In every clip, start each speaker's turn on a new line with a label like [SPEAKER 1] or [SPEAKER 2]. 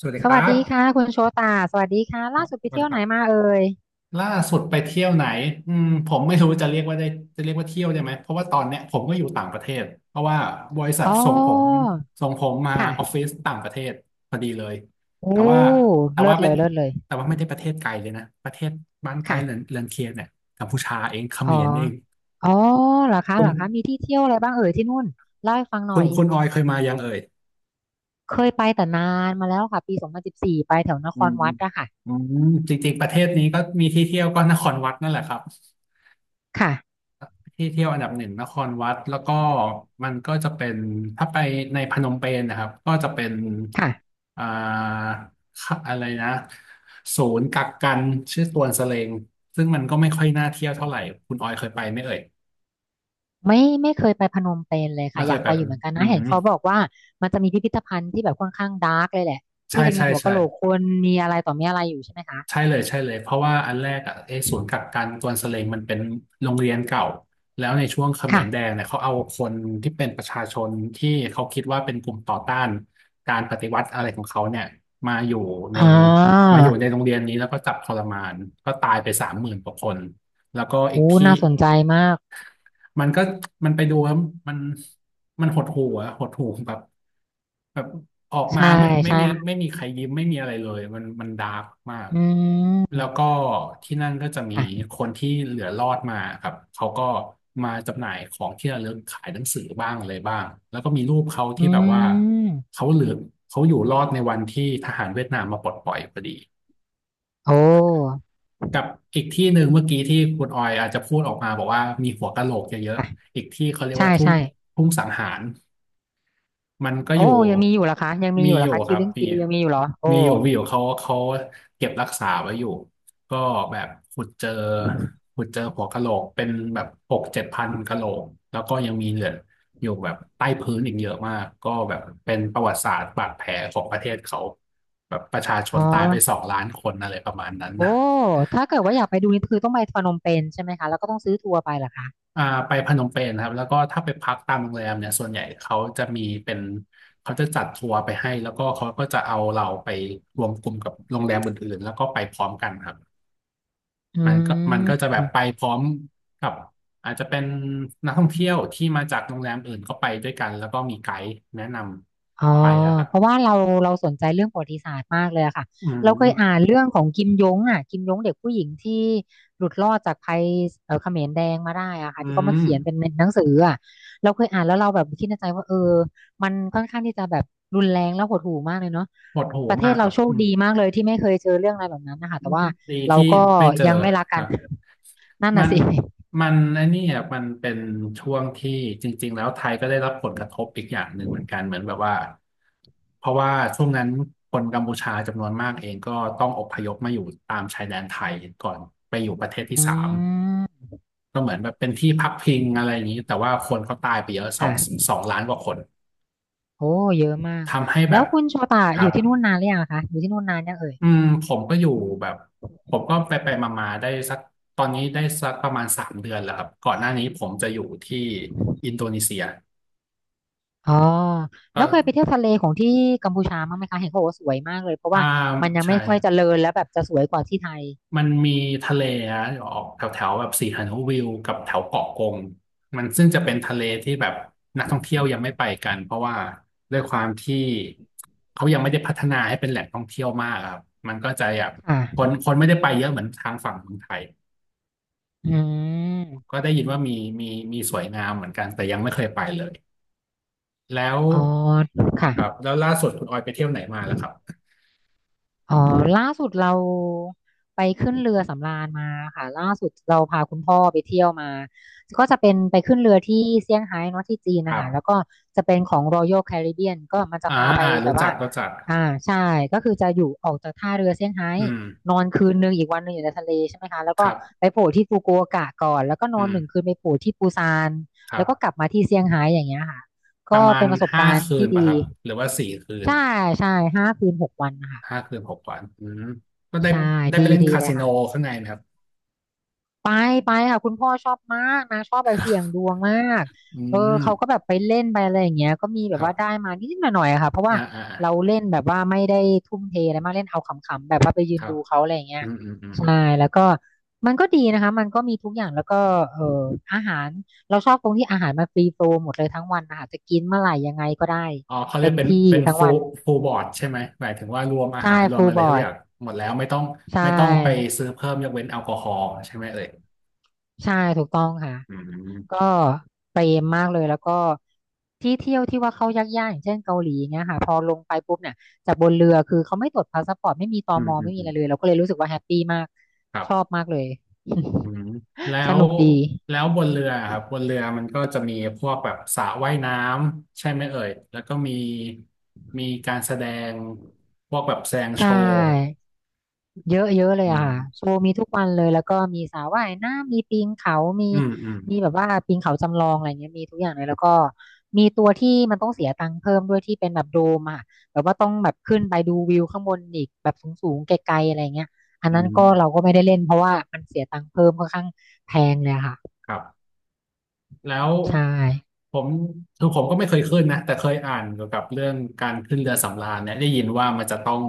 [SPEAKER 1] สวัสดี
[SPEAKER 2] ส
[SPEAKER 1] ครั
[SPEAKER 2] วัส
[SPEAKER 1] บ
[SPEAKER 2] ดีค่ะคุณโชตาสวัสดีค่ะ
[SPEAKER 1] ค
[SPEAKER 2] ล่า
[SPEAKER 1] รับ
[SPEAKER 2] สุดไป
[SPEAKER 1] สวัส
[SPEAKER 2] เที่ย
[SPEAKER 1] ดี
[SPEAKER 2] ว
[SPEAKER 1] ค
[SPEAKER 2] ไหน
[SPEAKER 1] รับ
[SPEAKER 2] มาเอ่ย
[SPEAKER 1] ล่าสุดไปเที่ยวไหนผมไม่รู้จะเรียกว่าเที่ยวได้ไหมเพราะว่าตอนเนี้ยผมก็อยู่ต่างประเทศเพราะว่าบริษัท
[SPEAKER 2] อ๋อ
[SPEAKER 1] ส่งผมมา
[SPEAKER 2] ค่ะ
[SPEAKER 1] ออฟฟิศต่างประเทศพอดีเลย
[SPEAKER 2] โอ้
[SPEAKER 1] แต่ว่าแต่
[SPEAKER 2] เลิ
[SPEAKER 1] ว่า
[SPEAKER 2] ศเล
[SPEAKER 1] ไม่
[SPEAKER 2] ยเลิศเลย
[SPEAKER 1] แต่ว่าไม่ได้ประเทศไกลเลยนะประเทศบ้านใกล้เรือน
[SPEAKER 2] ค่ะ
[SPEAKER 1] เรือนเคียงเนี่ยกัมพูชาเองเข
[SPEAKER 2] อ๋
[SPEAKER 1] ม
[SPEAKER 2] อ
[SPEAKER 1] รเอง
[SPEAKER 2] อ๋อเหรอคะ
[SPEAKER 1] คุ
[SPEAKER 2] เหร
[SPEAKER 1] ณ
[SPEAKER 2] อคะมีที่เที่ยวอะไรบ้างเอ่ยที่นู่นเล่าให้ฟังหน่
[SPEAKER 1] คุ
[SPEAKER 2] อ
[SPEAKER 1] ณ
[SPEAKER 2] ย
[SPEAKER 1] คุณออยเคยมายังเอ่ย
[SPEAKER 2] เคยไปแต่นานมาแล้วค่ะปี2014ไปแถวนค
[SPEAKER 1] อื
[SPEAKER 2] ร
[SPEAKER 1] ม
[SPEAKER 2] วัดอะค่ะ
[SPEAKER 1] อืจริงๆประเทศนี้ก็มีที่เที่ยวก็นครวัดนั่นแหละครับ
[SPEAKER 2] ค่ะ
[SPEAKER 1] ที่เที่ยวอันดับหนึ่งนครวัดแล้วก็มันก็จะเป็นถ้าไปในพนมเปญนะครับก็จะเป็น
[SPEAKER 2] ค่ะ
[SPEAKER 1] อ่าค่ะอะไรนะศูนย์กักกันชื่อตวนสเลงซึ่งมันก็ไม่ค่อยน่าเที่ยวเท่าไหร่คุณออยเคยไปไหมเอ่ย
[SPEAKER 2] ไม่ไม่เคยไปพนมเปญเลย
[SPEAKER 1] ไม่
[SPEAKER 2] ค่ะ
[SPEAKER 1] เค
[SPEAKER 2] อ
[SPEAKER 1] ย
[SPEAKER 2] ยาก
[SPEAKER 1] ไป
[SPEAKER 2] ไปอยู่เหมือนกัน
[SPEAKER 1] อื
[SPEAKER 2] นะ
[SPEAKER 1] ม
[SPEAKER 2] เห็นเขาบอกว่ามันจะมีพิพิธภัณฑ์ที่แบบค่อนข้างดาร์กเลยแหละ
[SPEAKER 1] ใช่
[SPEAKER 2] ที่จะมี
[SPEAKER 1] ใช่
[SPEAKER 2] หัวกะ
[SPEAKER 1] ใช่
[SPEAKER 2] โหลกคนมีอะไรต่อมีอะไรอยู่ใช่ไหมคะ
[SPEAKER 1] ใช่เลยใช่เลยเพราะว่าอันแรกอ่ะไอ้ศูนย์กักกันกวนสเลงมันเป็นโรงเรียนเก่าแล้วในช่วงเขม
[SPEAKER 2] ค่ะ
[SPEAKER 1] รแดงเนี่ยเขาเอาคนที่เป็นประชาชนที่เขาคิดว่าเป็นกลุ่มต่อต้านการปฏิวัติอะไรของเขาเนี่ยมาอยู่ใน
[SPEAKER 2] อ๋อ
[SPEAKER 1] มาอยู่ในโรงเรียนนี้แล้วก็จับทรมานก็ตายไป30,000 กว่าคนแล้วก็อีก
[SPEAKER 2] โอ้
[SPEAKER 1] ที่
[SPEAKER 2] น่าสนใจมาก
[SPEAKER 1] มันก็มันไปดูแล้วมันมันหดหู่อะหดหู่แบบออกมา
[SPEAKER 2] ใช่
[SPEAKER 1] ไม่ไม่
[SPEAKER 2] ใช่
[SPEAKER 1] มี
[SPEAKER 2] ค่ะ
[SPEAKER 1] ไม่มีใครยิ้มไม่มีอะไรเลยมันดาร์กมาก
[SPEAKER 2] อื
[SPEAKER 1] แล้วก็
[SPEAKER 2] ม
[SPEAKER 1] ที่นั่นก็จะมี
[SPEAKER 2] ค่ะ
[SPEAKER 1] คนที่เหลือรอดมาครับเขาก็มาจำหน่ายของที่ระลึกขายหนังสือบ้างอะไรบ้างแล้วก็มีรูปเขาที่
[SPEAKER 2] อื
[SPEAKER 1] แบบว่า
[SPEAKER 2] ม
[SPEAKER 1] เขาเหลือเขาอยู่รอดในวันที่ทหารเวียดนามมาปลดปล่อยพอดี
[SPEAKER 2] โอ้
[SPEAKER 1] กับอีกที่หนึ่งเมื่อกี้ที่คุณออยอาจจะพูดออกมาบอกว่ามีหัวกะโหลกเยอะ
[SPEAKER 2] ค่ะ
[SPEAKER 1] ๆ อีกที่เขาเรียก
[SPEAKER 2] ใช่
[SPEAKER 1] ว่าทุ่ง
[SPEAKER 2] ใช่
[SPEAKER 1] ทุ่งสังหารมันก็
[SPEAKER 2] โอ้
[SPEAKER 1] อยู่
[SPEAKER 2] ยังมีอยู่เหรอคะยังมี
[SPEAKER 1] มี
[SPEAKER 2] อยู่เห
[SPEAKER 1] อ
[SPEAKER 2] รอ
[SPEAKER 1] ยู่
[SPEAKER 2] คะ
[SPEAKER 1] ค
[SPEAKER 2] คิว
[SPEAKER 1] รับ
[SPEAKER 2] ลิงปียังมีอยู่เหรอโอ้
[SPEAKER 1] มีอยู่เขาเก็บรักษาไว้อยู่ก็แบบขุดเจอหัวกะโหลกเป็นแบบ6-7 พันกะโหลกแล้วก็ยังมีเหลืออยู่แบบใต้พื้นอีกเยอะมากก็แบบเป็นประวัติศาสตร์บาดแผลของประเทศเขาแบบประชาช
[SPEAKER 2] อ๋
[SPEAKER 1] น
[SPEAKER 2] อ
[SPEAKER 1] ตายไป2 ล้านคนอะไรประมาณนั้นนะ
[SPEAKER 2] โอ้ ถ้าเกิดว่าอยากไปดูนี่คือต้องไปพนมเปญใช่ไหมคะแล้วก็ต้องซื้อทัวร์ไปเหรอคะ
[SPEAKER 1] อ่าไปพนมเปญครับแล้วก็ถ้าไปพักตามโรงแรมเนี่ยส่วนใหญ่เขาจะจัดทัวร์ไปให้แล้วก็เขาก็จะเอาเราไปรวมกลุ่มกับโรงแรมอื่นๆแล้วก็ไปพร้อมกันครับ
[SPEAKER 2] อื
[SPEAKER 1] มันก็จะแบบ
[SPEAKER 2] ม
[SPEAKER 1] ไปพร้อมกับอาจจะเป็นนักท่องเที่ยวที่มาจากโรงแรมอื่นก็ไปด้วยกันแล้วก็มีไกด์แนะน
[SPEAKER 2] อ๋อ
[SPEAKER 1] ำไปอะครับ
[SPEAKER 2] เพราะว่าเราสนใจเรื่องประวัติศาสตร์มากเลยอะค่ะ
[SPEAKER 1] อื
[SPEAKER 2] เราเคยอ่า
[SPEAKER 1] ม
[SPEAKER 2] นเรื่องของกิมยงอ่ะกิมยงเด็กผู้หญิงที่หลุดรอดจากภัยเขมรแดงมาได้อะค่ะ
[SPEAKER 1] อื
[SPEAKER 2] ที่เขามา
[SPEAKER 1] ม
[SPEAKER 2] เขียนเป็นหนังสืออ่ะเราเคยอ่านแล้วเราแบบคิดในใจว่าเออมันค่อนข้างที่จะแบบรุนแรงแล้วหดหู่มากเลยเนาะ
[SPEAKER 1] ปวดหู
[SPEAKER 2] ประเท
[SPEAKER 1] มา
[SPEAKER 2] ศ
[SPEAKER 1] กค
[SPEAKER 2] เรา
[SPEAKER 1] รับ
[SPEAKER 2] โชคดีมากเลยที่ไม่เคยเจอเรื่องอะไรแบบนั้นนะคะแต่ว่า
[SPEAKER 1] ดี
[SPEAKER 2] เรา
[SPEAKER 1] ที่
[SPEAKER 2] ก็
[SPEAKER 1] ไม่เจอ
[SPEAKER 2] ยังไม่รัก
[SPEAKER 1] ค
[SPEAKER 2] กั
[SPEAKER 1] รั
[SPEAKER 2] น
[SPEAKER 1] บ
[SPEAKER 2] นั่น
[SPEAKER 1] มั
[SPEAKER 2] น่ะ
[SPEAKER 1] น
[SPEAKER 2] สิ
[SPEAKER 1] มันไอ้นี้อ่ะมันเป็นช่วงที่จริงๆแล้วไทยก็ได้รับผลกระทบอีกอย่างหนึ่งเหมือนกันเหมือนแบบว่าเพราะว่าช่วงนั้นคนกัมพูชาจำนวนมากเองก็ต้องอพยพมาอยู่ตามชายแดนไทยก่อนไปอยู่ประเทศที่
[SPEAKER 2] อื
[SPEAKER 1] สาม
[SPEAKER 2] ม
[SPEAKER 1] ก็เหมือนแบบเป็นที่พักพิงอะไรอย่างนี้แต่ว่าคนเขาตายไปเยอะสอง
[SPEAKER 2] ค่ะ
[SPEAKER 1] สองล้านกว่าคน
[SPEAKER 2] โอ้เยอะมาก
[SPEAKER 1] ทำให้
[SPEAKER 2] แล้
[SPEAKER 1] แบ
[SPEAKER 2] ว
[SPEAKER 1] บ
[SPEAKER 2] คุณโชตา
[SPEAKER 1] ค
[SPEAKER 2] อ
[SPEAKER 1] รั
[SPEAKER 2] ยู่
[SPEAKER 1] บ
[SPEAKER 2] ที่นู่นนานหรือยังอะคะอยู่ที่นู่นนานยังเอ่ย
[SPEAKER 1] อืมผมก็อยู่แบบผมก็ไปไปมามาๆได้สักตอนนี้ได้สักประมาณ3 เดือนแล้วครับก่อนหน้านี้ผมจะอยู่ที่อินโดนีเซีย
[SPEAKER 2] อ๋อ
[SPEAKER 1] ก็
[SPEAKER 2] แล้วเคยไปเที่ยวทะเลของที่กัมพูชาบ้างไหมคะเห็นเขาบอกว่าสวยมากเลยเพราะ
[SPEAKER 1] อ่า
[SPEAKER 2] ว่ามันยัง
[SPEAKER 1] ใช่
[SPEAKER 2] ไม่ค่
[SPEAKER 1] ค
[SPEAKER 2] อย
[SPEAKER 1] รับ
[SPEAKER 2] เจริญแล้วแบบจะสวยกว่าที่ไทย
[SPEAKER 1] มันมีทะเลอะออกแถวแถวแบบสีหานุวิวกับแถวเกาะกงมันซึ่งจะเป็นทะเลที่แบบนักท่องเที่ยวยังไม่ไปกันเพราะว่าด้วยความที่เขายังไม่ได้พัฒนาให้เป็นแหล่งท่องเที่ยวมากอะครับมันก็จะแบบคน
[SPEAKER 2] ค่ะ
[SPEAKER 1] คนไม่ได้ไปเยอะเหมือนทางฝั่งเมืองไทย
[SPEAKER 2] อืม
[SPEAKER 1] ก็ได้ยินว่ามีมีสวยงามเหมือนกันแต่ยังไม่เคยไปเลยแล้ว
[SPEAKER 2] อ๋อค่ะ
[SPEAKER 1] ครับแล้วล่าสุดคุณออยไปเที่ยวไหนมาล่ะครับ
[SPEAKER 2] อ๋อล่าสุดเราไปขึ้นเรือสำราญมาค่ะล่าสุดเราพาคุณพ่อไปเที่ยวมาก็จะเป็นไปขึ้นเรือที่เซี่ยงไฮ้เนาะที่จีน
[SPEAKER 1] ค
[SPEAKER 2] นะ
[SPEAKER 1] รั
[SPEAKER 2] คะแล้ว
[SPEAKER 1] บ
[SPEAKER 2] ก็จะเป็นของ Royal Caribbean ก็มันจะ
[SPEAKER 1] อ่า
[SPEAKER 2] พาไปแบ
[SPEAKER 1] รู้
[SPEAKER 2] บ
[SPEAKER 1] จั
[SPEAKER 2] ว่า
[SPEAKER 1] กรู้จัก
[SPEAKER 2] อ่าใช่ก็คือจะอยู่ออกจากท่าเรือเซี่ยงไฮ้
[SPEAKER 1] อืม
[SPEAKER 2] นอนคืนหนึ่งอีกวันหนึ่งอยู่ในทะเลใช่ไหมคะแล้ว
[SPEAKER 1] ค
[SPEAKER 2] ก็
[SPEAKER 1] รั
[SPEAKER 2] ไป
[SPEAKER 1] บ
[SPEAKER 2] โผล่ที่ฟุกุโอกะก่อนแล้วก็น
[SPEAKER 1] อื
[SPEAKER 2] อน
[SPEAKER 1] ม
[SPEAKER 2] หนึ่งคืนไปโผล่ที่ปูซาน
[SPEAKER 1] ครั
[SPEAKER 2] แล้วก็กลั
[SPEAKER 1] บ
[SPEAKER 2] บมาที่เซี่ยงไฮ้อย่างเงี้ยค่ะ
[SPEAKER 1] ป
[SPEAKER 2] ก็
[SPEAKER 1] ระมาณ
[SPEAKER 2] เป็นประสบ
[SPEAKER 1] ห้า
[SPEAKER 2] การณ์
[SPEAKER 1] คืน
[SPEAKER 2] ที่
[SPEAKER 1] ป่ะค
[SPEAKER 2] ดี
[SPEAKER 1] รับหรือว่า4 คืน
[SPEAKER 2] ใช่ใช่ห้าคืนหกวันนะคะ
[SPEAKER 1] 5 คืน 6 วันอืมก็ได้
[SPEAKER 2] ใช่
[SPEAKER 1] ได้ไป
[SPEAKER 2] ดี
[SPEAKER 1] เล่น
[SPEAKER 2] ดี
[SPEAKER 1] คา
[SPEAKER 2] เลย
[SPEAKER 1] สิโน
[SPEAKER 2] ค่ะ
[SPEAKER 1] ข้างในไหมครับ
[SPEAKER 2] ไปไปค่ะคุณพ่อชอบมากนะชอบไปเสี่ยงดวงมาก
[SPEAKER 1] อื
[SPEAKER 2] เออ
[SPEAKER 1] ม
[SPEAKER 2] เขาก็แบบไปเล่นไปอะไรอย่างเงี้ยก็มีแบ
[SPEAKER 1] ค
[SPEAKER 2] บ
[SPEAKER 1] รั
[SPEAKER 2] ว่าได้
[SPEAKER 1] บ
[SPEAKER 2] มานิดๆหน่อยๆอะค่ะเพราะ
[SPEAKER 1] อ่า
[SPEAKER 2] ว่า
[SPEAKER 1] อ่าอ่า
[SPEAKER 2] เราเล่นแบบว่าไม่ได้ทุ่มเทอะไรมากเล่นเอาขำๆแบบว่าไปยื
[SPEAKER 1] ค
[SPEAKER 2] น
[SPEAKER 1] รั
[SPEAKER 2] ดู
[SPEAKER 1] บ
[SPEAKER 2] เขาอะไรอย่างเงี้ย
[SPEAKER 1] อืมอืมอืม
[SPEAKER 2] ใช่แล้วก็มันก็ดีนะคะมันก็มีทุกอย่างแล้วก็เอออาหารเราชอบตรงที่อาหารมันฟรีโฟลว์หมดเลยทั้งวันนะคะจะกินเมื่อไหร่ยังไงก็ได้
[SPEAKER 1] อ๋อเขาเรีย
[SPEAKER 2] เต็
[SPEAKER 1] ก
[SPEAKER 2] ม
[SPEAKER 1] เป็น
[SPEAKER 2] ที่
[SPEAKER 1] เป็น
[SPEAKER 2] ทั้ง
[SPEAKER 1] ฟู
[SPEAKER 2] วัน
[SPEAKER 1] ฟูบอร์ดใช่ไหมหมายถึงว่ารวมอาหา
[SPEAKER 2] ใช่
[SPEAKER 1] รรวม
[SPEAKER 2] ฟูล
[SPEAKER 1] อะไร
[SPEAKER 2] บอ
[SPEAKER 1] ทุกอ
[SPEAKER 2] ร์ด
[SPEAKER 1] ย่างหมดแล้วไม่ต้อง
[SPEAKER 2] ใช
[SPEAKER 1] ไม่ต้องไป
[SPEAKER 2] ่
[SPEAKER 1] ซื้อเพิ่มยกเว้นแอลกอฮอล์ใช่ไหมเอ่ย
[SPEAKER 2] ใช่ถูกต้องค่ะ
[SPEAKER 1] อื
[SPEAKER 2] ก็
[SPEAKER 1] ม
[SPEAKER 2] เปรมมากเลยแล้วก็ที่เที่ยวที่ว่าเขายากๆอย่างเช่นเกาหลีเงี้ยค่ะพอลงไปปุ๊บเนี่ยจากบนเรือคือเขาไม่ตรวจพาสปอร์ตไม่มีต
[SPEAKER 1] อื
[SPEAKER 2] ม
[SPEAKER 1] มอืม
[SPEAKER 2] ไม่มี
[SPEAKER 1] อื
[SPEAKER 2] อะไร
[SPEAKER 1] ม
[SPEAKER 2] เลยเราก็เลยรู้สึกว่าแฮปปี้มาก
[SPEAKER 1] ครั
[SPEAKER 2] ชอบ
[SPEAKER 1] บ
[SPEAKER 2] มากเลย
[SPEAKER 1] อืมแล้
[SPEAKER 2] ส
[SPEAKER 1] ว
[SPEAKER 2] นุกดี
[SPEAKER 1] แล้วบนเรือครับบนเรือมันก็จะมีพวกแบบสระว่ายน้ำใช่ไหมเอ่ยแล้วก็มีการแสดงพวกแบบแสดง
[SPEAKER 2] ใช
[SPEAKER 1] โชว์
[SPEAKER 2] ่ เยอะเยอะเลย
[SPEAKER 1] อื
[SPEAKER 2] อะค่ะโช
[SPEAKER 1] ม
[SPEAKER 2] ว์มีทุกวันเลยแล้วก็มีสระว่ายน้ำมีปีนเขามี
[SPEAKER 1] อืมอืม
[SPEAKER 2] มีแบบว่าปีนเขาจำลองอะไรเงี้ยมีทุกอย่างเลยแล้วก็มีตัวที่มันต้องเสียตังค์เพิ่มด้วยที่เป็นแบบโดมอะแบบว่าต้องแบบขึ้นไปดูวิวข้างบนอีกแบบสูงๆไกลๆอะไรเงี้ยอัน
[SPEAKER 1] อื
[SPEAKER 2] นั้น
[SPEAKER 1] ม
[SPEAKER 2] ก็เราก็ไม่ได้เล่นเพราะว่ามันเสียตังค์เพิ่มค่อนข้างแพงเลยอะค่ะ
[SPEAKER 1] ครับ แล้ว
[SPEAKER 2] ใช่
[SPEAKER 1] ผมคือผมก็ไม่เคยขึ้นนะแต่เคยอ่านเกี่ยวกับเรื่องการขึ้นเรือสำราญเนี่ยได้ยินว่ามันจะต้อง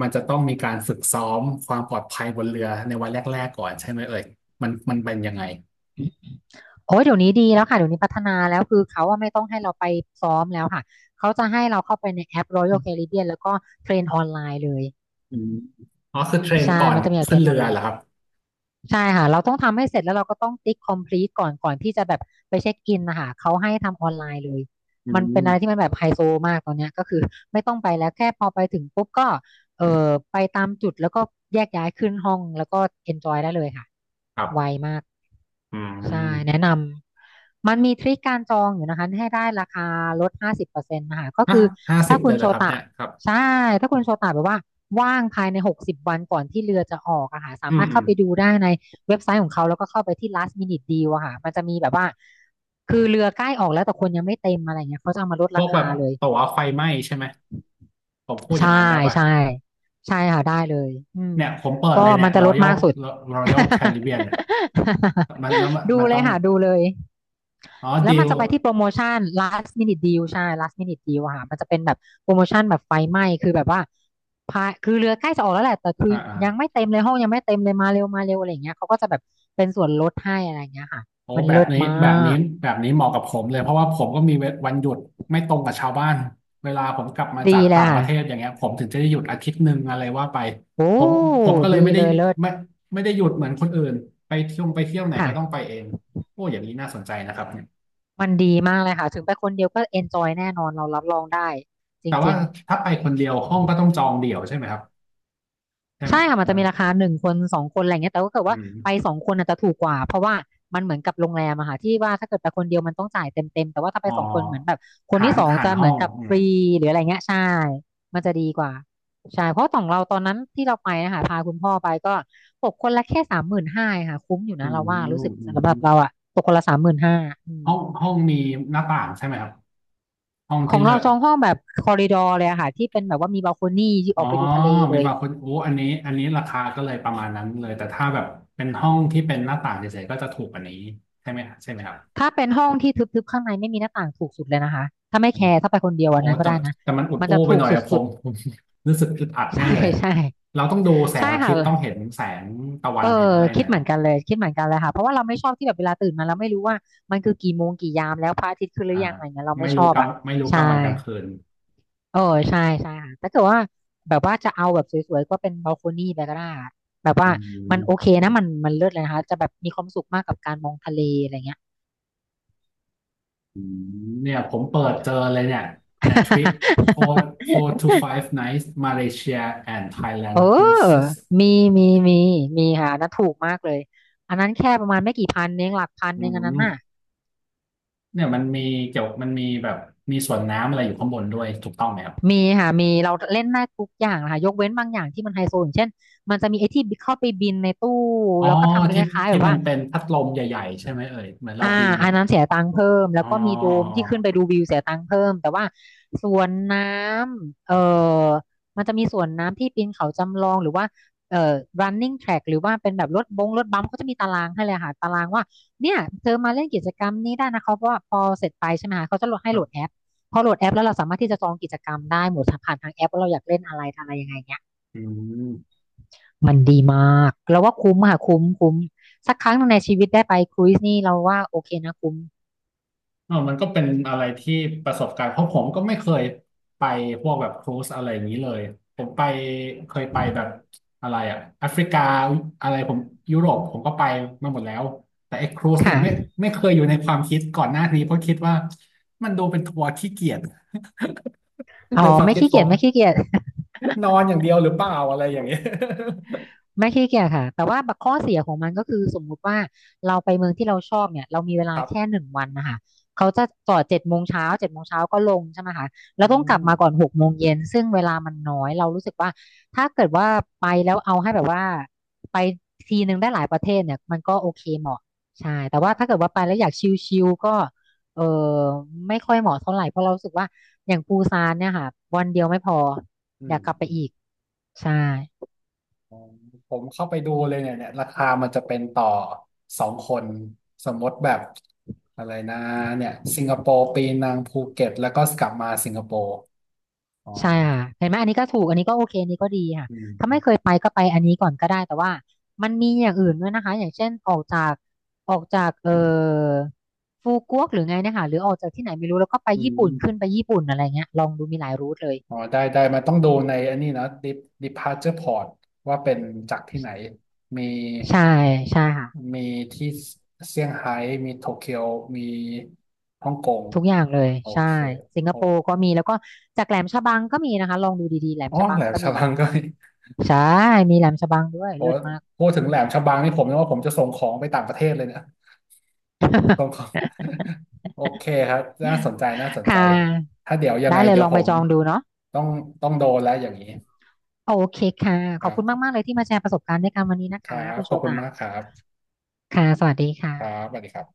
[SPEAKER 1] มันจะต้องมีการฝึกซ้อมความปลอดภัยบนเรือในวันแรกๆก่อนใช่ไหมเอ่ยมันเป็นยังไง
[SPEAKER 2] โอ้ยเดี๋ยวนี้ดีแล้วค่ะเดี๋ยวนี้พัฒนาแล้วคือเขาว่าไม่ต้องให้เราไปซ้อมแล้วค่ะเขาจะให้เราเข้าไปในแอป Royal Caribbean แล้วก็เทรนออนไลน์เลย
[SPEAKER 1] อืมอ๋อคือเทรน
[SPEAKER 2] ใช่
[SPEAKER 1] ก่อน
[SPEAKER 2] มันจะมีแบบเท
[SPEAKER 1] ขึ้
[SPEAKER 2] ร
[SPEAKER 1] น
[SPEAKER 2] นอ
[SPEAKER 1] เรื
[SPEAKER 2] อน
[SPEAKER 1] อ
[SPEAKER 2] ไล
[SPEAKER 1] เหร
[SPEAKER 2] น์
[SPEAKER 1] อครับ
[SPEAKER 2] ใช่ค่ะเราต้องทำให้เสร็จแล้วเราก็ต้องติ๊กคอมพลี e ก่อนที่จะแบบไปเช็คอินนะคะเขาให้ทำออนไลน์เลย
[SPEAKER 1] อื
[SPEAKER 2] มันเป็นอะไรที่
[SPEAKER 1] ม
[SPEAKER 2] มันแบบไฮโซมากตอนเนี้ยก็คือไม่ต้องไปแล้วแค่พอไปถึงปุ๊บก็เออไปตามจุดแล้วก็แยกย้ายขึ้นห้องแล้วก็เอนจอยได้เลยค่ะ
[SPEAKER 1] ครั
[SPEAKER 2] ไว
[SPEAKER 1] บ
[SPEAKER 2] มาก
[SPEAKER 1] อื
[SPEAKER 2] ใช่แนะ
[SPEAKER 1] ม
[SPEAKER 2] นำมันมีทริคการจองอยู่นะคะให้ได้ราคาลด50%นะคะก็
[SPEAKER 1] ฮะ
[SPEAKER 2] คือ
[SPEAKER 1] ห้าสิ
[SPEAKER 2] ถ้า
[SPEAKER 1] บ
[SPEAKER 2] คุ
[SPEAKER 1] เล
[SPEAKER 2] ณ
[SPEAKER 1] ยเหร
[SPEAKER 2] โช
[SPEAKER 1] อครับ
[SPEAKER 2] ตะ
[SPEAKER 1] เนี่ยครับ
[SPEAKER 2] ใช่ถ้า
[SPEAKER 1] อ
[SPEAKER 2] คุณโชตะแบบว่าว่างภายใน60 วันก่อนที่เรือจะออกอะค่ะสา
[SPEAKER 1] ื
[SPEAKER 2] มา
[SPEAKER 1] ม
[SPEAKER 2] รถ
[SPEAKER 1] อื
[SPEAKER 2] เข้า
[SPEAKER 1] ม
[SPEAKER 2] ไปดูได้ในเว็บไซต์ของเขาแล้วก็เข้าไปที่ last minute deal อะค่ะมันจะมีแบบว่าคือเรือใกล้ออกแล้วแต่คนยังไม่เต็มอะไรเงี้ยเขาจะเอามาลด
[SPEAKER 1] พ
[SPEAKER 2] รา
[SPEAKER 1] วกแบ
[SPEAKER 2] คา
[SPEAKER 1] บ
[SPEAKER 2] เลย
[SPEAKER 1] ตั๋วไฟไหม้ใช่ไหมผมพูดอ
[SPEAKER 2] ใช่
[SPEAKER 1] ย่างนั้นได้ป่ะ
[SPEAKER 2] ใช่ใช่ค่ะได้เลยอืม
[SPEAKER 1] เนี่ยผมเปิด
[SPEAKER 2] ก็
[SPEAKER 1] เลยเนี่
[SPEAKER 2] มั
[SPEAKER 1] ย
[SPEAKER 2] นจะลด
[SPEAKER 1] Royal
[SPEAKER 2] มากสุด
[SPEAKER 1] Royal Caribbean เนี่ยมันแล้ วมัน
[SPEAKER 2] ดู
[SPEAKER 1] มัน
[SPEAKER 2] เล
[SPEAKER 1] ต้อ
[SPEAKER 2] ย
[SPEAKER 1] ง
[SPEAKER 2] ค่ะดูเลย
[SPEAKER 1] อ๋อ
[SPEAKER 2] แล้ว
[SPEAKER 1] ดิ
[SPEAKER 2] มัน
[SPEAKER 1] ว
[SPEAKER 2] จะไปที่โปรโมชั่น last minute deal ใช่ last minute deal อะค่ะมันจะเป็นแบบโปรโมชั่นแบบไฟไหม้คือแบบว่าคือเรือใกล้จะออกแล้วแหละ แต่คือ
[SPEAKER 1] อ่าอ่า
[SPEAKER 2] ยังไม่เต็มเลยห้องยังไม่เต็มเลยมาเร็วมาเร็วอะไรอย่างเงี้ยเขาก็จะแบบเป็นส่วนลดให้อะไรอย่างเงี้ยค่ะ
[SPEAKER 1] โอ้
[SPEAKER 2] มัน
[SPEAKER 1] แบบ
[SPEAKER 2] เลิศ
[SPEAKER 1] นี้
[SPEAKER 2] มา
[SPEAKER 1] แบบนี้
[SPEAKER 2] ก
[SPEAKER 1] แบบนี้เหมาะกับผมเลยเพราะว่าผมก็มีวันหยุดไม่ตรงกับชาวบ้านเวลาผมกลับมาจา
[SPEAKER 2] ดี
[SPEAKER 1] ก
[SPEAKER 2] เล
[SPEAKER 1] ต่า
[SPEAKER 2] ย
[SPEAKER 1] งป
[SPEAKER 2] ค่ะ
[SPEAKER 1] ระเทศอย่างเงี้ยผมถึงจะได้หยุดอาทิตย์หนึ่งอะไรว่าไป
[SPEAKER 2] โอ้
[SPEAKER 1] ผมผมก็เลย
[SPEAKER 2] ดี
[SPEAKER 1] ไม่ได้
[SPEAKER 2] เลยเลิ
[SPEAKER 1] ไม่
[SPEAKER 2] ศ
[SPEAKER 1] ไม่ได้หยุดเหมือนคนอื่นไปเที่ยวไหนก็ต้องไป
[SPEAKER 2] ค่ะ
[SPEAKER 1] เองโอ้อย่างนี้น่าสนใจนะครับเนี่ย
[SPEAKER 2] มันดีมากเลยค่ะ ถึงไปคนเดียวก็เอนจอยแน่นอนเรารับรองได้จ
[SPEAKER 1] แต่ว่า
[SPEAKER 2] ริงๆ
[SPEAKER 1] ถ้าไปคนเดียวห้องก็ต้องจองเดี่ยวใช่ไหมครับใช่ไห
[SPEAKER 2] ใช่
[SPEAKER 1] ม
[SPEAKER 2] ค่ะมันจะมีราคาหนึ่งคนสองคนอะไรเงี้ยแต่ก็เกิด
[SPEAKER 1] อื
[SPEAKER 2] ว่า
[SPEAKER 1] ม
[SPEAKER 2] ไปสองคนอาจจะถูกกว่าเพราะว่ามันเหมือนกับโรงแรมอะค่ะที่ว่าถ้าเกิดไปคนเดียวมันต้องจ่ายเต็มเต็มแต่ว่าถ้าไป
[SPEAKER 1] อ๋อ
[SPEAKER 2] สองคนเหมือนแบบคน
[SPEAKER 1] หา
[SPEAKER 2] ที่
[SPEAKER 1] ร
[SPEAKER 2] สอง
[SPEAKER 1] หา
[SPEAKER 2] จะ
[SPEAKER 1] ร
[SPEAKER 2] เห
[SPEAKER 1] ห้
[SPEAKER 2] มื
[SPEAKER 1] อ
[SPEAKER 2] อน
[SPEAKER 1] ง
[SPEAKER 2] กับ
[SPEAKER 1] อื
[SPEAKER 2] ฟ
[SPEAKER 1] ม
[SPEAKER 2] รีหรืออะไรเงี้ยใช่มันจะดีกว่าใช่เพราะของเราตอนนั้นที่เราไปนะคะพาคุณพ่อไปก็ตกคนละแค่สามหมื่นห้าค่ะคุ้มอยู่
[SPEAKER 1] อื
[SPEAKER 2] นะ
[SPEAKER 1] ม
[SPEAKER 2] เราว่ารู้สึก
[SPEAKER 1] อื
[SPEAKER 2] สำห
[SPEAKER 1] ม
[SPEAKER 2] รับเราอะตกคนละสามหมื่นห้า
[SPEAKER 1] ห้องมีหน้าต่างใช่ไหมครับ ห้อง
[SPEAKER 2] ข
[SPEAKER 1] ที่
[SPEAKER 2] อง
[SPEAKER 1] เลื
[SPEAKER 2] เรา
[SPEAKER 1] อก
[SPEAKER 2] จองห้องแบบคอริดอร์เลยอะค่ะที่เป็นแบบว่ามีบัลโคนี่ที่
[SPEAKER 1] อ๋
[SPEAKER 2] อ
[SPEAKER 1] อ
[SPEAKER 2] อกไปดูทะเล
[SPEAKER 1] มี
[SPEAKER 2] เลย
[SPEAKER 1] บางคนโอ้อันนี้ราคาก็เลยประมาณนั้นเลย แต่ถ้าแบบเป็นห้องที่เป็นหน้าต่างเฉยๆก็จะถูกกว่านี้ใช่ไหมใช่ไหมครับ
[SPEAKER 2] ถ้าเป็นห้องที่ทึบๆข้างในไม่มีหน้าต่างถูกสุดเลยนะคะถ้าไม่
[SPEAKER 1] อื
[SPEAKER 2] แค
[SPEAKER 1] ม
[SPEAKER 2] ร์ถ้าไปคนเดียว
[SPEAKER 1] โอ้
[SPEAKER 2] อันนั้นก็
[SPEAKER 1] แต่
[SPEAKER 2] ได้นะ
[SPEAKER 1] แต่มันอุด
[SPEAKER 2] มัน
[SPEAKER 1] อู้
[SPEAKER 2] จะ
[SPEAKER 1] ไป
[SPEAKER 2] ถู
[SPEAKER 1] ห
[SPEAKER 2] ก
[SPEAKER 1] น่อยอะผ
[SPEAKER 2] สุด
[SPEAKER 1] มผม รู้สึกอึดอัด
[SPEAKER 2] ๆ
[SPEAKER 1] แน่
[SPEAKER 2] ใช่
[SPEAKER 1] เลย
[SPEAKER 2] ใช่
[SPEAKER 1] เราต้องดูแส
[SPEAKER 2] ใช่
[SPEAKER 1] งอาทิ
[SPEAKER 2] ค่ะ
[SPEAKER 1] ตย์ต้องเห็นแสงตะวั
[SPEAKER 2] เอ
[SPEAKER 1] น
[SPEAKER 2] อ
[SPEAKER 1] เห็นอะไรหน่
[SPEAKER 2] คิ
[SPEAKER 1] อ
[SPEAKER 2] ด
[SPEAKER 1] ย
[SPEAKER 2] เหมื
[SPEAKER 1] เนาะ
[SPEAKER 2] อนกันเลยคิดเหมือนกันเลยค่ะเพราะว่าเราไม่ชอบที่แบบเวลาตื่นมาเราไม่รู้ว่ามันคือกี่โมงกี่ยามแล้วพระอาทิตย์ขึ้นหรื
[SPEAKER 1] อ่า
[SPEAKER 2] อยังอะไรเงี้ยเรา
[SPEAKER 1] ไม่
[SPEAKER 2] ไม่ช
[SPEAKER 1] รู้
[SPEAKER 2] อบ
[SPEAKER 1] กลาง
[SPEAKER 2] อ่ะ
[SPEAKER 1] ไม่รู้ก
[SPEAKER 2] ใช่
[SPEAKER 1] ลางวันกลางคืน
[SPEAKER 2] เออใช่ใช่ค่ะถ้าเกิดว่าแบบว่าจะเอาแบบสวยๆก็เป็นบัลโคนี่ไปก็ได้อะแบบ
[SPEAKER 1] อื
[SPEAKER 2] ว่ามันโอเค
[SPEAKER 1] ม
[SPEAKER 2] นะมันมันเลิศเลยนะคะจะแบบมีความสุขมากกับการมองทะเลอะไรเงี้ย
[SPEAKER 1] อืมเนี่ยผมเปิดเจอเลยเนี่ยทริป four four to five nights Malaysia and
[SPEAKER 2] เอ
[SPEAKER 1] Thailand
[SPEAKER 2] อ
[SPEAKER 1] cruises
[SPEAKER 2] มี มี มี มีค่ะอันนั้นถูกมากเลย อันนั้นแค่ประมาณไม่กี่พันเองหลักพัน
[SPEAKER 1] อื
[SPEAKER 2] เองอันนั้น
[SPEAKER 1] ม
[SPEAKER 2] น่ะ
[SPEAKER 1] เนี่ยมันมีเกี่ยวมันมีแบบมีส่วนน้ำอะไรอยู่ข้างบนด้วยถูกต้องไหมครับ
[SPEAKER 2] มีค่ะ มีเราเล่นได้ทุกอย่างนะคะยกเว้นบางอย่างที่มันไฮโซอย่างเช่น มันจะมีไอ้ที่เข้าไปบินในตู้
[SPEAKER 1] อ๋อ
[SPEAKER 2] แล้วก็ทำเป็นค
[SPEAKER 1] ที่
[SPEAKER 2] ล้ายๆแบ
[SPEAKER 1] ที่
[SPEAKER 2] บ
[SPEAKER 1] มัน
[SPEAKER 2] ว่า
[SPEAKER 1] เป็นพัดลมใหญ่ๆใช่ไหมเอ่ยเหมือนเรา
[SPEAKER 2] อ่า
[SPEAKER 1] บิน
[SPEAKER 2] อันนั้นเสียตังค์เพิ่มแล้
[SPEAKER 1] อ๋
[SPEAKER 2] ว
[SPEAKER 1] อ
[SPEAKER 2] ก็มีโด
[SPEAKER 1] อ๋
[SPEAKER 2] มที่ขึ้นไป
[SPEAKER 1] อ
[SPEAKER 2] ดูวิวเสียตังค์เพิ่มแต่ว่าสวนน้ำเออมันจะมีสวนน้ำที่ปีนเขาจำลองหรือว่าเอ่อ running track หรือว่าเป็นแบบรถบัมป์เขาจะมีตารางให้เลยค่ะตารางว่าเนี่ยเธอมาเล่นกิจกรรมนี้ได้นะเขาเพราะว่าพอเสร็จไปใช่ไหมคะเขาจะโหลดให้
[SPEAKER 1] ค
[SPEAKER 2] โห
[SPEAKER 1] รั
[SPEAKER 2] ลดแอ
[SPEAKER 1] บ
[SPEAKER 2] ปพอโหลดแอปแล้วเราสามารถที่จะจองกิจกรรมได้หมดผ่านทางแอปว่าเราอยากเล่นอะไรอะไรยังไงเงี้ย
[SPEAKER 1] อืม
[SPEAKER 2] มันดีมากเราว่าคุ้มค่ะคุ้มคุ้มสักครั้งหนึ่งในชีวิตได้ไปครูซนี่เราว่าโอเคนะคุ้ม
[SPEAKER 1] เออมันก็เป็นอะไรที่ประสบการณ์เพราะผมก็ไม่เคยไปพวกแบบครูซอะไรอย่างนี้เลยผมเคยไปแบบอะไรอะแอฟริกาอะไรผมยุโรปผมก็ไปมาหมดแล้วแต่ไอ้ครูซเนี่ยไม่
[SPEAKER 2] ค่ะ
[SPEAKER 1] ไม่เคยอยู่ในความคิดก่อนหน้านี้เพราะคิดว่ามันดูเป็นทัวร์ขี้เกียจ
[SPEAKER 2] อ๋
[SPEAKER 1] ใน
[SPEAKER 2] อ
[SPEAKER 1] ความ
[SPEAKER 2] ไม่
[SPEAKER 1] คิด
[SPEAKER 2] ขี้
[SPEAKER 1] ผ
[SPEAKER 2] เกีย
[SPEAKER 1] ม
[SPEAKER 2] จไม่ขี้เกียจ
[SPEAKER 1] นอนอย่างเดียวหรือเปล่าอะไรอย่างเงี้ย
[SPEAKER 2] ไม่ขี้เกียจค่ะแต่ว่าบักข้อเสียของมันก็คือสมมุติว่าเราไปเมืองที่เราชอบเนี่ยเรามีเว
[SPEAKER 1] ค
[SPEAKER 2] ลา
[SPEAKER 1] รับ
[SPEAKER 2] แค่1 วันนะคะเขาจะจอดเจ็ดโมงเช้าเจ็ดโมงเช้าก็ลงใช่ไหมคะแล้
[SPEAKER 1] อื
[SPEAKER 2] วต้องกลับมาก่อน
[SPEAKER 1] ม
[SPEAKER 2] 6 โมงเย็นซึ่งเวลามันน้อยเรารู้สึกว่าถ้าเกิดว่าไปแล้วเอาให้แบบว่าไปทีนึงได้หลายประเทศเนี่ยมันก็โอเคเหมาะใช่แต่
[SPEAKER 1] ค
[SPEAKER 2] ว่า
[SPEAKER 1] รั
[SPEAKER 2] ถ้าเกิด
[SPEAKER 1] บ
[SPEAKER 2] ว่าไปแล้วอยากชิลๆก็เออไม่ค่อยเหมาะเท่าไหร่เพราะเรารู้สึกว่าอย่างปูซานเนี่ยค่ะวันเดียวไม่พอ
[SPEAKER 1] อื
[SPEAKER 2] อยา
[SPEAKER 1] ม
[SPEAKER 2] กกลับไป
[SPEAKER 1] อืม
[SPEAKER 2] อีกใช่
[SPEAKER 1] อ๋อผมเข้าไปดูเลยเนี่ยราคามันจะเป็นต่อสองคนสมมติแบบอะไรนะเนี่ยสิงคโปร์ปีนังภูเก็ตแล้วก็กลับมาสิงคโปร์อ๋อ
[SPEAKER 2] ใช่ค่ะเห็นไหมอันนี้ก็ถูกอันนี้ก็โอเคอันนี้ก็ดีค่ะ
[SPEAKER 1] อื
[SPEAKER 2] ถ้าไม่เค
[SPEAKER 1] ม
[SPEAKER 2] ยไปก็ไปอันนี้ก่อนก็ได้แต่ว่ามันมีอย่างอื่นด้วยนะคะอย่างเช่นออกจากฟูกวกหรือไงเนะคะหรือออกจากที่ไหนไม่รู้แล้วก็ไป
[SPEAKER 1] อื
[SPEAKER 2] ญี่ปุ่นขึ้น
[SPEAKER 1] ม
[SPEAKER 2] ไปญี่ปุ่นอะไรเงี้ยลองดูมีหลายรูทเลย
[SPEAKER 1] อ๋อได้มันต้องดูในอันนี้นะ dep- departure port ว่าเป็นจากที่ไหนมี
[SPEAKER 2] ใช่ใช่ค่ะ
[SPEAKER 1] มีที่เซี่ยงไฮ้มีโตเกียวมีฮ่องกง
[SPEAKER 2] ทุกอย่างเลย
[SPEAKER 1] โอ
[SPEAKER 2] ใช่
[SPEAKER 1] เค
[SPEAKER 2] สิงค
[SPEAKER 1] โอ้
[SPEAKER 2] โปร์ก็มีแล้วก็จากแหลมฉบังก็มีนะคะลองดูดีๆแหลม
[SPEAKER 1] อ๋อ
[SPEAKER 2] ฉบั
[SPEAKER 1] แห
[SPEAKER 2] ง
[SPEAKER 1] ลม
[SPEAKER 2] ก็
[SPEAKER 1] ฉ
[SPEAKER 2] มี
[SPEAKER 1] บังก็มี
[SPEAKER 2] ใช่มีแหลมฉบังด้วย
[SPEAKER 1] โอ้
[SPEAKER 2] เลิศมาก
[SPEAKER 1] พูดถึงแหลมฉบังนี่ผมนึกว่าผมจะส่งของไปต่างประเทศเลยเนี่ย ส่งของ โอเคครับน่าสนใจน่าสน
[SPEAKER 2] ค่
[SPEAKER 1] ใจ
[SPEAKER 2] ะ
[SPEAKER 1] ถ้าเดี๋ยวยังไง
[SPEAKER 2] ได้เลย
[SPEAKER 1] เดี๋ย
[SPEAKER 2] ล
[SPEAKER 1] ว
[SPEAKER 2] อง
[SPEAKER 1] ผ
[SPEAKER 2] ไป
[SPEAKER 1] ม
[SPEAKER 2] จองดูเนาะ
[SPEAKER 1] ต้องต้องโดนแล้วอย่างนี้
[SPEAKER 2] โอเคค่ะ
[SPEAKER 1] ค
[SPEAKER 2] ขอ
[SPEAKER 1] รั
[SPEAKER 2] บคุณมา
[SPEAKER 1] บ
[SPEAKER 2] กๆเลยที่มาแชร์ประสบการณ์ด้วยกันวันนี้นะ
[SPEAKER 1] ครั
[SPEAKER 2] คะ
[SPEAKER 1] บ
[SPEAKER 2] คุณ
[SPEAKER 1] ข
[SPEAKER 2] โช
[SPEAKER 1] อบคุณ
[SPEAKER 2] ตะ
[SPEAKER 1] มากครับ
[SPEAKER 2] ค่ะสวัสดีค่ะ
[SPEAKER 1] ครับสวัสดีครับ